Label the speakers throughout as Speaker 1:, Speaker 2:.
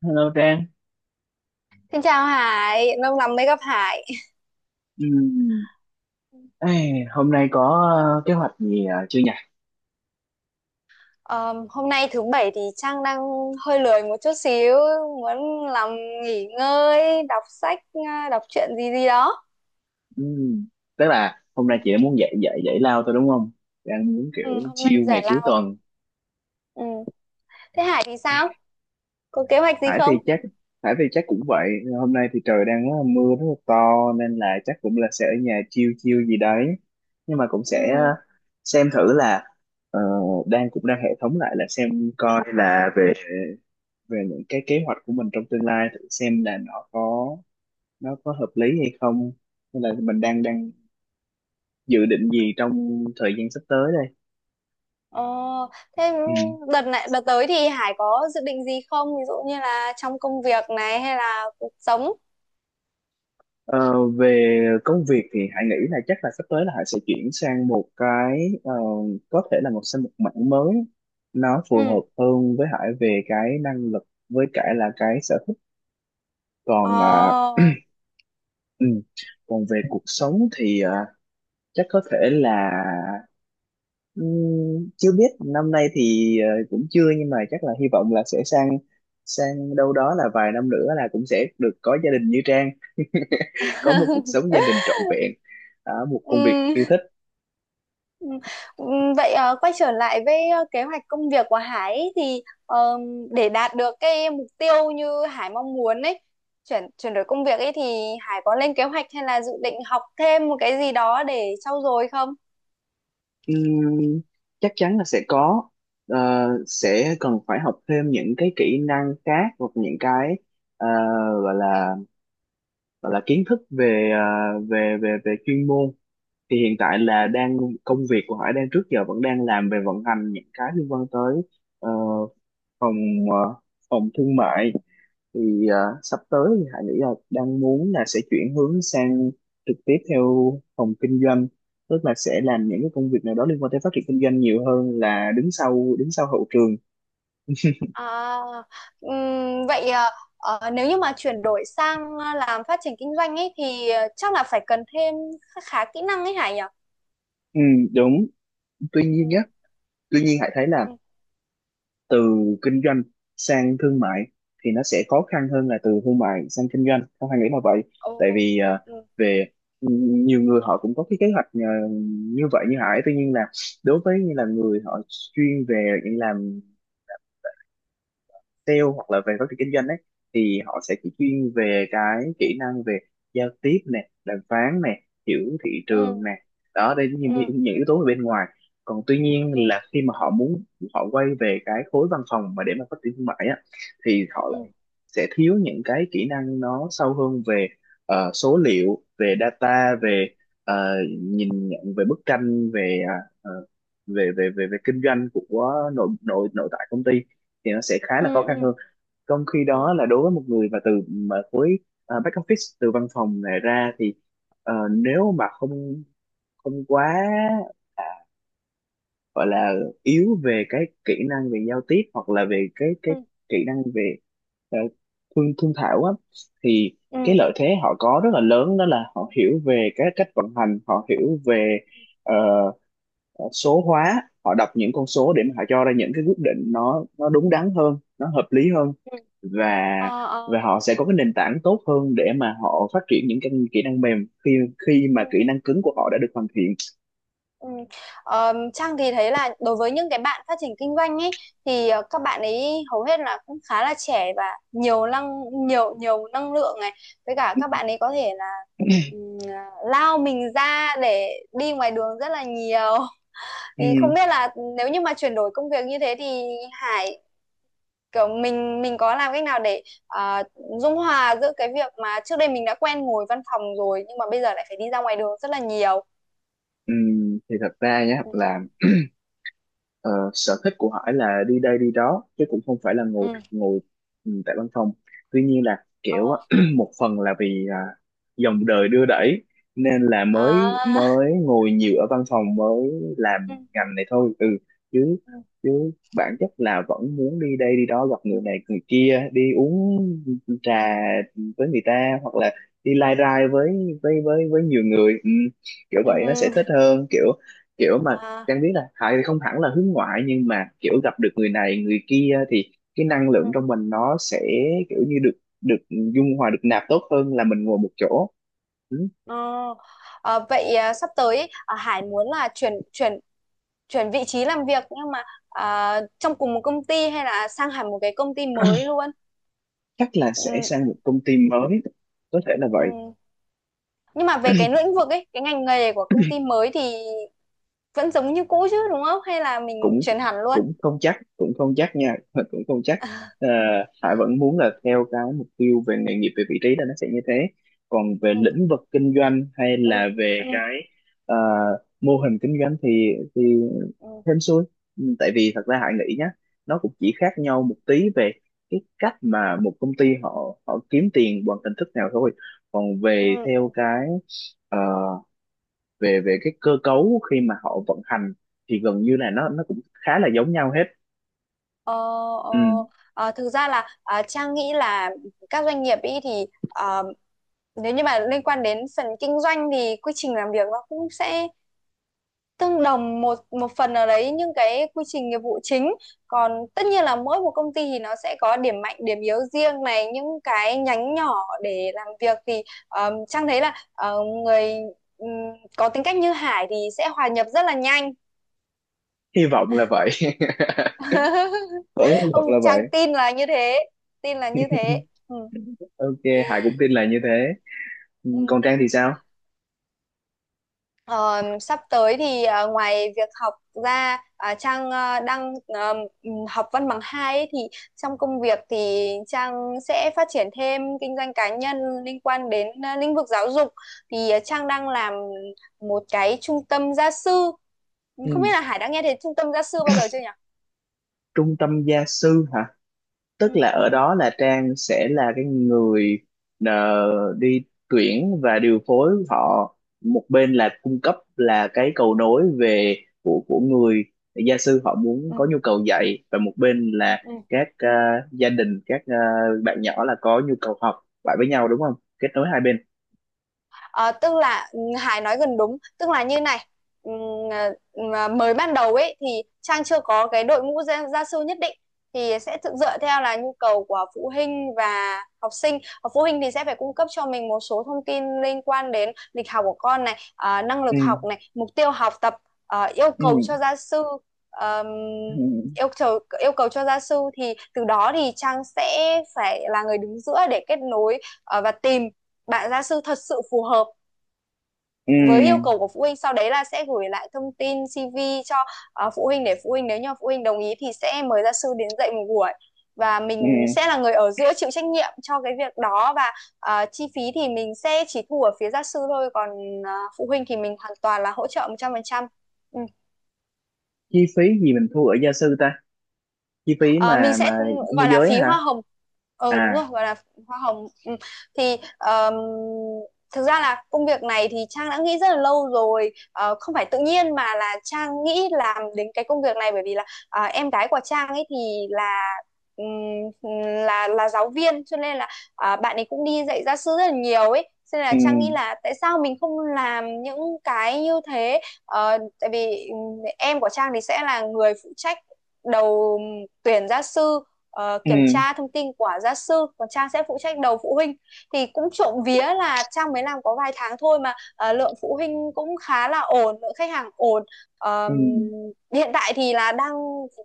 Speaker 1: Hello Trang.
Speaker 2: Xin chào Hải, lâu lắm mới gặp Hải.
Speaker 1: Ừm, ê, Hôm nay có kế hoạch gì chưa nhỉ?
Speaker 2: Ờ, Hôm nay thứ bảy thì Trang đang hơi lười một chút xíu, muốn làm nghỉ ngơi, đọc sách, à, đọc truyện gì gì đó.
Speaker 1: Ừm, Tức là hôm
Speaker 2: Ừ,
Speaker 1: nay chị đã muốn dạy dạy dạy lao tôi đúng không? Đang muốn
Speaker 2: ừ,
Speaker 1: kiểu
Speaker 2: hôm nay
Speaker 1: chill
Speaker 2: giải
Speaker 1: ngày cuối
Speaker 2: lao.
Speaker 1: tuần.
Speaker 2: Ừ. Thế Hải thì sao? Có kế hoạch gì
Speaker 1: Hải
Speaker 2: không?
Speaker 1: thì chắc Hải thì chắc cũng vậy. Hôm nay thì trời đang rất là mưa rất là to, nên là chắc cũng là sẽ ở nhà chill chill gì đấy. Nhưng mà cũng
Speaker 2: Ừ.
Speaker 1: sẽ xem thử là ờ, đang cũng đang hệ thống lại là xem coi là về về những cái kế hoạch của mình trong tương lai, thử xem là nó có hợp lý hay không, hay là mình đang đang dự định gì trong thời gian sắp tới đây.
Speaker 2: Ờ, Thế
Speaker 1: Ừ.
Speaker 2: đợt tới thì Hải có dự định gì không? Ví dụ như là trong công việc này hay là cuộc sống?
Speaker 1: Ờ, về công việc thì Hải nghĩ là chắc là sắp tới là Hải sẽ chuyển sang một cái, có thể là sang một mảng mới, nó phù
Speaker 2: Ừ.
Speaker 1: hợp hơn với Hải về cái năng lực với cả là cái sở thích. còn à,
Speaker 2: Ờ.
Speaker 1: ừ, Còn về cuộc sống thì, chắc có thể là, chưa biết năm nay thì cũng chưa, nhưng mà chắc là hy vọng là sẽ sang sang đâu đó là vài năm nữa là cũng sẽ được có gia đình như Trang, có một cuộc sống gia đình trọn vẹn ở một công việc
Speaker 2: Ừ.
Speaker 1: yêu thích.
Speaker 2: Ừ, ừ. Vậy quay trở lại với kế hoạch công việc của Hải ấy, thì để đạt được cái mục tiêu như Hải mong muốn ấy, chuyển chuyển đổi công việc ấy thì Hải có lên kế hoạch hay là dự định học thêm một cái gì đó để trau dồi không?
Speaker 1: Ừm, Chắc chắn là sẽ có. Ờ, sẽ cần phải học thêm những cái kỹ năng khác, hoặc những cái ờ, gọi là gọi là kiến thức về về chuyên môn. Thì hiện tại là đang, công việc của Hải đang trước giờ vẫn đang làm về vận hành những cái liên quan tới ờ, phòng, ờ, phòng thương mại. Thì sắp tới thì Hải nghĩ là đang muốn là sẽ chuyển hướng sang trực tiếp theo phòng kinh doanh, tức là sẽ làm những cái công việc nào đó liên quan tới phát triển kinh doanh nhiều hơn là đứng sau hậu trường.
Speaker 2: À, vậy nếu như mà chuyển đổi sang làm phát triển kinh doanh ấy thì chắc là phải cần thêm khá kỹ năng ấy Hải nhỉ?
Speaker 1: Ừ, đúng. Tuy
Speaker 2: Ừ,
Speaker 1: nhiên nhé, tuy nhiên Hải thấy là
Speaker 2: ừ,
Speaker 1: từ kinh doanh sang thương mại thì nó sẽ khó khăn hơn là từ thương mại sang kinh doanh, không hay nghĩ là vậy.
Speaker 2: ồ,
Speaker 1: Tại vì ờ,
Speaker 2: ừ,
Speaker 1: về nhiều người họ cũng có cái kế hoạch như vậy như Hải, tuy nhiên là đối với như là người họ chuyên về những làm sale hoặc là về phát triển kinh doanh ấy, thì họ sẽ chỉ chuyên về cái kỹ năng về giao tiếp nè, đàm phán nè, hiểu thị trường
Speaker 2: ừ,
Speaker 1: nè. Đó, đây là những,
Speaker 2: ừ,
Speaker 1: những những yếu tố ở bên ngoài. Còn tuy nhiên
Speaker 2: ừ,
Speaker 1: là khi mà họ muốn họ quay về cái khối văn phòng mà để mà phát triển thương mại á, thì họ
Speaker 2: ừ, ừ,
Speaker 1: lại sẽ thiếu những cái kỹ năng nó sâu hơn về số liệu, về data,
Speaker 2: ừ,
Speaker 1: về ờ, nhìn nhận về bức tranh về ờ, về về về về kinh doanh của nội nội nội tại công ty, thì nó sẽ khá
Speaker 2: ừ,
Speaker 1: là khó khăn
Speaker 2: ừ,
Speaker 1: hơn. Trong khi
Speaker 2: ờ,
Speaker 1: đó là đối với một người mà từ mà khối back office, từ văn phòng này ra thì nếu mà không không quá gọi là yếu về cái kỹ năng về giao tiếp, hoặc là về cái
Speaker 2: ừ.
Speaker 1: kỹ năng về ờ, thương thương thảo á, thì
Speaker 2: Ừ,
Speaker 1: cái
Speaker 2: ừ,
Speaker 1: lợi thế họ có rất là lớn, đó là họ hiểu về cái cách vận hành, họ hiểu về ờ, số hóa, họ đọc những con số để mà họ cho ra những cái quyết định nó đúng đắn hơn, nó hợp lý hơn.
Speaker 2: ừ.
Speaker 1: và
Speaker 2: Ờ, ờ.
Speaker 1: và họ sẽ có cái nền tảng tốt hơn để mà họ phát triển những cái kỹ năng mềm khi khi mà kỹ
Speaker 2: Ừ,
Speaker 1: năng cứng của họ đã được hoàn thiện.
Speaker 2: ừ. Trang thì thấy là đối với những cái bạn phát triển kinh doanh ấy thì các bạn ấy hầu hết là cũng khá là trẻ và nhiều năng nhiều năng lượng này, với cả các bạn ấy có thể là à, lao mình ra để đi ngoài đường rất là nhiều.
Speaker 1: Ừ,
Speaker 2: Thì không biết là nếu như mà chuyển đổi công việc như thế thì Hải kiểu mình có làm cách nào để ờ, dung hòa giữa cái việc mà trước đây mình đã quen ngồi văn phòng rồi nhưng mà bây giờ lại phải đi ra ngoài đường rất là nhiều?
Speaker 1: ừ, thì thật ra nhá
Speaker 2: Ừ,
Speaker 1: là, ờ, sở thích của Hải là đi đây đi đó chứ cũng không phải là ngồi
Speaker 2: ừ,
Speaker 1: ngồi ừ, tại văn phòng. Tuy nhiên là
Speaker 2: ờ,
Speaker 1: kiểu á, một phần là vì dòng đời đưa đẩy nên là mới,
Speaker 2: à,
Speaker 1: mới ngồi nhiều ở văn phòng, mới làm
Speaker 2: ừ,
Speaker 1: ngành này thôi. Ừ, chứ
Speaker 2: ừ,
Speaker 1: chứ bản chất là vẫn muốn đi đây đi đó, gặp người này người kia, đi uống trà với người ta, hoặc là đi lai rai với với nhiều người. Ừ, kiểu vậy nó sẽ
Speaker 2: ừ,
Speaker 1: thích hơn kiểu kiểu mà,
Speaker 2: à,
Speaker 1: Trang biết là Hải thì không hẳn là hướng ngoại, nhưng mà kiểu gặp được người này người kia thì cái năng
Speaker 2: ừ,
Speaker 1: lượng trong mình nó sẽ kiểu như được được dung hòa, được nạp tốt hơn là mình ngồi một chỗ. Ừ.
Speaker 2: ờ. Vậy à, sắp tới ý, à, Hải muốn là chuyển chuyển chuyển vị trí làm việc nhưng mà à, trong cùng một công ty hay là sang hẳn một cái công ty mới luôn?
Speaker 1: Chắc là sẽ
Speaker 2: Ừ,
Speaker 1: sang một công ty mới, có thể là
Speaker 2: ừ.
Speaker 1: vậy.
Speaker 2: Nhưng mà về cái lĩnh vực ấy, cái ngành nghề của công ty mới thì vẫn giống như cũ chứ đúng không, hay là mình
Speaker 1: cũng
Speaker 2: chuyển hẳn luôn?
Speaker 1: cũng không chắc cũng không chắc nha. Cũng không chắc. Ờ, Hải vẫn muốn là theo cái mục tiêu về nghề nghiệp, về vị trí là nó sẽ như thế. Còn về
Speaker 2: Ừ,
Speaker 1: lĩnh vực kinh doanh hay
Speaker 2: ừ,
Speaker 1: là về
Speaker 2: ừ,
Speaker 1: cái ờ, mô hình kinh doanh thì
Speaker 2: ừ,
Speaker 1: hên xui. Ừ, tại vì thật ra Hải nghĩ nhá, nó cũng chỉ khác nhau một tí về cái cách mà một công ty họ họ kiếm tiền bằng hình thức nào thôi. Còn
Speaker 2: ừ,
Speaker 1: về
Speaker 2: ừ.
Speaker 1: theo cái ờ, về về cái cơ cấu khi mà họ vận hành thì gần như là nó cũng khá là giống nhau hết.
Speaker 2: Ờ, ờ,
Speaker 1: Ừ,
Speaker 2: thực ra là à, Trang nghĩ là các doanh nghiệp ý thì nếu như mà liên quan đến phần kinh doanh thì quy trình làm việc nó cũng sẽ tương đồng một một phần nào đấy, những cái quy trình nghiệp vụ chính, còn tất nhiên là mỗi một công ty thì nó sẽ có điểm mạnh điểm yếu riêng này, những cái nhánh nhỏ để làm việc thì Trang thấy là người ừm, có tính cách như Hải thì sẽ hòa nhập rất là nhanh.
Speaker 1: hy vọng là vậy. Vẫn hy vọng là
Speaker 2: Không,
Speaker 1: vậy.
Speaker 2: Trang tin là như thế, tin là như thế. Ừ.
Speaker 1: Ok, Hải cũng tin là như thế. Ừ,
Speaker 2: Ừ.
Speaker 1: còn Trang thì sao?
Speaker 2: Ờ, Sắp tới thì ngoài việc học ra, à, Trang đang học văn bằng hai ấy, thì trong công việc thì Trang sẽ phát triển thêm kinh doanh cá nhân liên quan đến lĩnh vực giáo dục, thì Trang đang làm một cái trung tâm gia sư. Không biết
Speaker 1: Ừ,
Speaker 2: là Hải đã nghe thấy trung tâm gia sư bao giờ chưa nhỉ?
Speaker 1: trung tâm gia sư hả?
Speaker 2: Ừ,
Speaker 1: Tức là ở
Speaker 2: ừ,
Speaker 1: đó là Trang sẽ là cái người ờ, đi tuyển và điều phối họ, một bên là cung cấp là cái cầu nối về của người gia sư họ muốn
Speaker 2: ừ.
Speaker 1: có nhu cầu dạy, và một bên là
Speaker 2: Ừ.
Speaker 1: các gia đình, các bạn nhỏ là có nhu cầu học lại với nhau, đúng không, kết nối hai bên.
Speaker 2: Ờ, Tức là, ừ, Hải nói gần đúng, tức là như này. Ừ, ờ, mới ban đầu ấy thì Trang chưa có cái đội ngũ gia sư nhất định, thì sẽ thực dựa theo là nhu cầu của phụ huynh và học sinh. Ờ, phụ huynh thì sẽ phải cung cấp cho mình một số thông tin liên quan đến lịch học của con này, năng
Speaker 1: Ừ,
Speaker 2: lực học này, mục tiêu học tập, yêu
Speaker 1: ừ,
Speaker 2: cầu cho gia sư. ờm,
Speaker 1: ừ,
Speaker 2: yêu cầu yêu cầu cho gia sư, thì từ đó thì Trang sẽ phải là người đứng giữa để kết nối, và tìm bạn gia sư thật sự phù hợp
Speaker 1: ừ,
Speaker 2: với yêu cầu của phụ huynh, sau đấy là sẽ gửi lại thông tin CV cho phụ huynh, để phụ huynh nếu như phụ huynh đồng ý thì sẽ mời gia sư đến dạy một buổi, và
Speaker 1: ừ.
Speaker 2: mình sẽ là người ở giữa chịu trách nhiệm cho cái việc đó. Và chi phí thì mình sẽ chỉ thu ở phía gia sư thôi, còn phụ huynh thì mình hoàn toàn là hỗ trợ 100%. Ừ.
Speaker 1: Chi phí gì mình thu ở gia sư ta? Chi phí
Speaker 2: Ờ, mình
Speaker 1: mà
Speaker 2: sẽ
Speaker 1: môi
Speaker 2: gọi là
Speaker 1: giới
Speaker 2: phí
Speaker 1: hả?
Speaker 2: hoa hồng. Đúng
Speaker 1: À,
Speaker 2: rồi, gọi là hoa hồng. Ừ. Thì thực ra là công việc này thì Trang đã nghĩ rất là lâu rồi. Ờ, không phải tự nhiên mà là Trang nghĩ làm đến cái công việc này, bởi vì là à, em gái của Trang ấy thì là, ừm, là giáo viên, cho nên là à, bạn ấy cũng đi dạy gia sư rất là nhiều ấy, cho nên là
Speaker 1: ừ,
Speaker 2: Trang nghĩ là tại sao mình không làm những cái như thế. Ờ, tại vì em của Trang thì sẽ là người phụ trách đầu tuyển gia sư, kiểm
Speaker 1: ừ,
Speaker 2: tra thông tin của gia sư, còn Trang sẽ phụ trách đầu phụ huynh, thì cũng trộm vía là Trang mới làm có vài tháng thôi mà lượng phụ huynh cũng khá là ổn, lượng khách hàng ổn. Ờm,
Speaker 1: ừ.
Speaker 2: Hiện tại thì là đang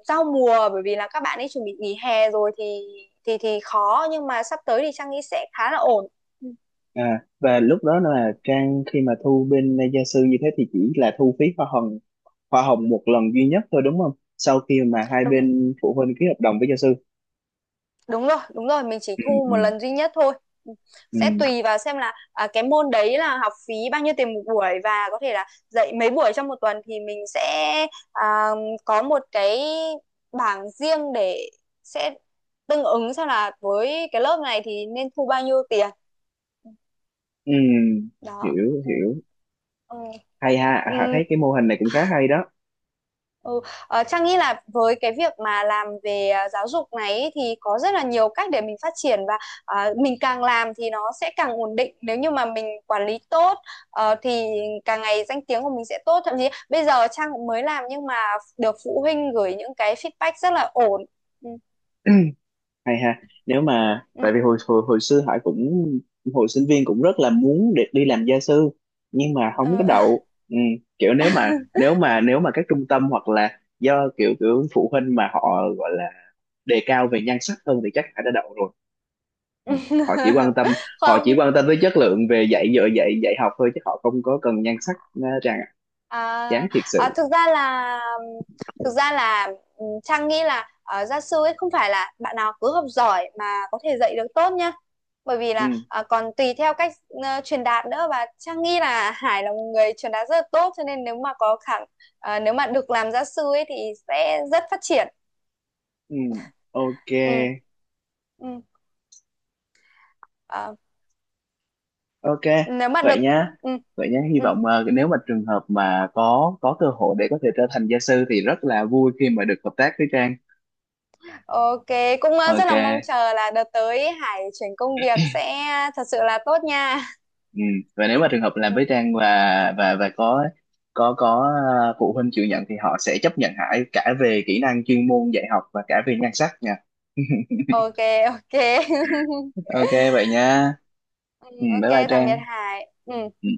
Speaker 2: giao mùa, bởi vì là các bạn ấy chuẩn bị nghỉ hè rồi thì khó, nhưng mà sắp tới thì Trang nghĩ sẽ khá là ổn.
Speaker 1: À, và lúc đó
Speaker 2: Ừ.
Speaker 1: là Trang khi mà thu bên gia sư như thế thì chỉ là thu phí hoa hồng, hoa hồng một lần duy nhất thôi đúng không? Sau khi mà hai
Speaker 2: Đúng
Speaker 1: bên phụ huynh ký hợp đồng với gia sư.
Speaker 2: đúng rồi mình chỉ
Speaker 1: Ừ,
Speaker 2: thu
Speaker 1: ừ,
Speaker 2: một lần duy nhất thôi,
Speaker 1: ừ,
Speaker 2: sẽ tùy vào xem là à, cái môn đấy là học phí bao nhiêu tiền một buổi và có thể là dạy mấy buổi trong một tuần, thì mình sẽ à, có một cái bảng riêng để sẽ tương ứng xem là với cái lớp này thì nên thu bao nhiêu tiền
Speaker 1: ừ,
Speaker 2: đó.
Speaker 1: hiểu
Speaker 2: Ừ.
Speaker 1: hiểu.
Speaker 2: Ừ.
Speaker 1: Hay ha,
Speaker 2: Ừ.
Speaker 1: Hạ thấy cái mô hình này cũng khá hay đó.
Speaker 2: Ừ. Trang nghĩ là với cái việc mà làm về à, giáo dục này ý, thì có rất là nhiều cách để mình phát triển, và à, mình càng làm thì nó sẽ càng ổn định nếu như mà mình quản lý tốt, thì càng ngày danh tiếng của mình sẽ tốt, thậm chí bây giờ Trang cũng mới làm nhưng mà được phụ huynh gửi những cái feedback rất là ổn. Ừ.
Speaker 1: Hay ha. Nếu mà, tại
Speaker 2: Ừ.
Speaker 1: vì hồi hồi, hồi xưa Hải cũng hồi sinh viên cũng rất là muốn để đi làm gia sư, nhưng mà không có
Speaker 2: Ờ.
Speaker 1: đậu. Ừ, kiểu nếu mà các trung tâm, hoặc là do kiểu kiểu phụ huynh mà họ gọi là đề cao về nhan sắc hơn thì chắc Hải đã đậu rồi. họ chỉ quan tâm Họ chỉ
Speaker 2: Không.
Speaker 1: quan tâm tới chất lượng về dạy dỗ dạy dạy học thôi, chứ họ không có cần nhan sắc. Nó rằng chán
Speaker 2: À,
Speaker 1: thiệt
Speaker 2: à,
Speaker 1: sự.
Speaker 2: thực ra là thực ra là ừ, Trang nghĩ là gia sư ấy không phải là bạn nào cứ học giỏi mà có thể dạy được tốt nhá, bởi vì
Speaker 1: Ừ,
Speaker 2: là còn tùy theo cách truyền đạt nữa, và Trang nghĩ là Hải là một người truyền đạt rất là tốt, cho nên nếu mà nếu mà được làm gia sư ấy thì sẽ rất phát triển.
Speaker 1: ừ, ok.
Speaker 2: Ừ, ừ. Ờ,
Speaker 1: Ok
Speaker 2: nếu mà
Speaker 1: vậy
Speaker 2: được.
Speaker 1: nhá,
Speaker 2: Ừ,
Speaker 1: vậy nhá, hy
Speaker 2: ừ.
Speaker 1: vọng nếu mà trường hợp mà có cơ hội để có thể trở thành gia sư, thì rất là vui khi mà được hợp tác với Trang.
Speaker 2: Ok, cũng rất
Speaker 1: Ok.
Speaker 2: là mong chờ là đợt tới Hải chuyển công việc sẽ thật sự là tốt nha.
Speaker 1: Ừ, và nếu mà trường hợp làm
Speaker 2: Ừ.
Speaker 1: với Trang và có phụ huynh chịu nhận, thì họ sẽ chấp nhận Hải cả về kỹ năng chuyên môn dạy học và cả về nhan sắc.
Speaker 2: Ok, ok.
Speaker 1: Ok vậy nha.
Speaker 2: Ừ,
Speaker 1: Ừ,
Speaker 2: ok,
Speaker 1: bye bye
Speaker 2: tạm biệt
Speaker 1: Trang.
Speaker 2: Hải. Ừ.
Speaker 1: Ừ.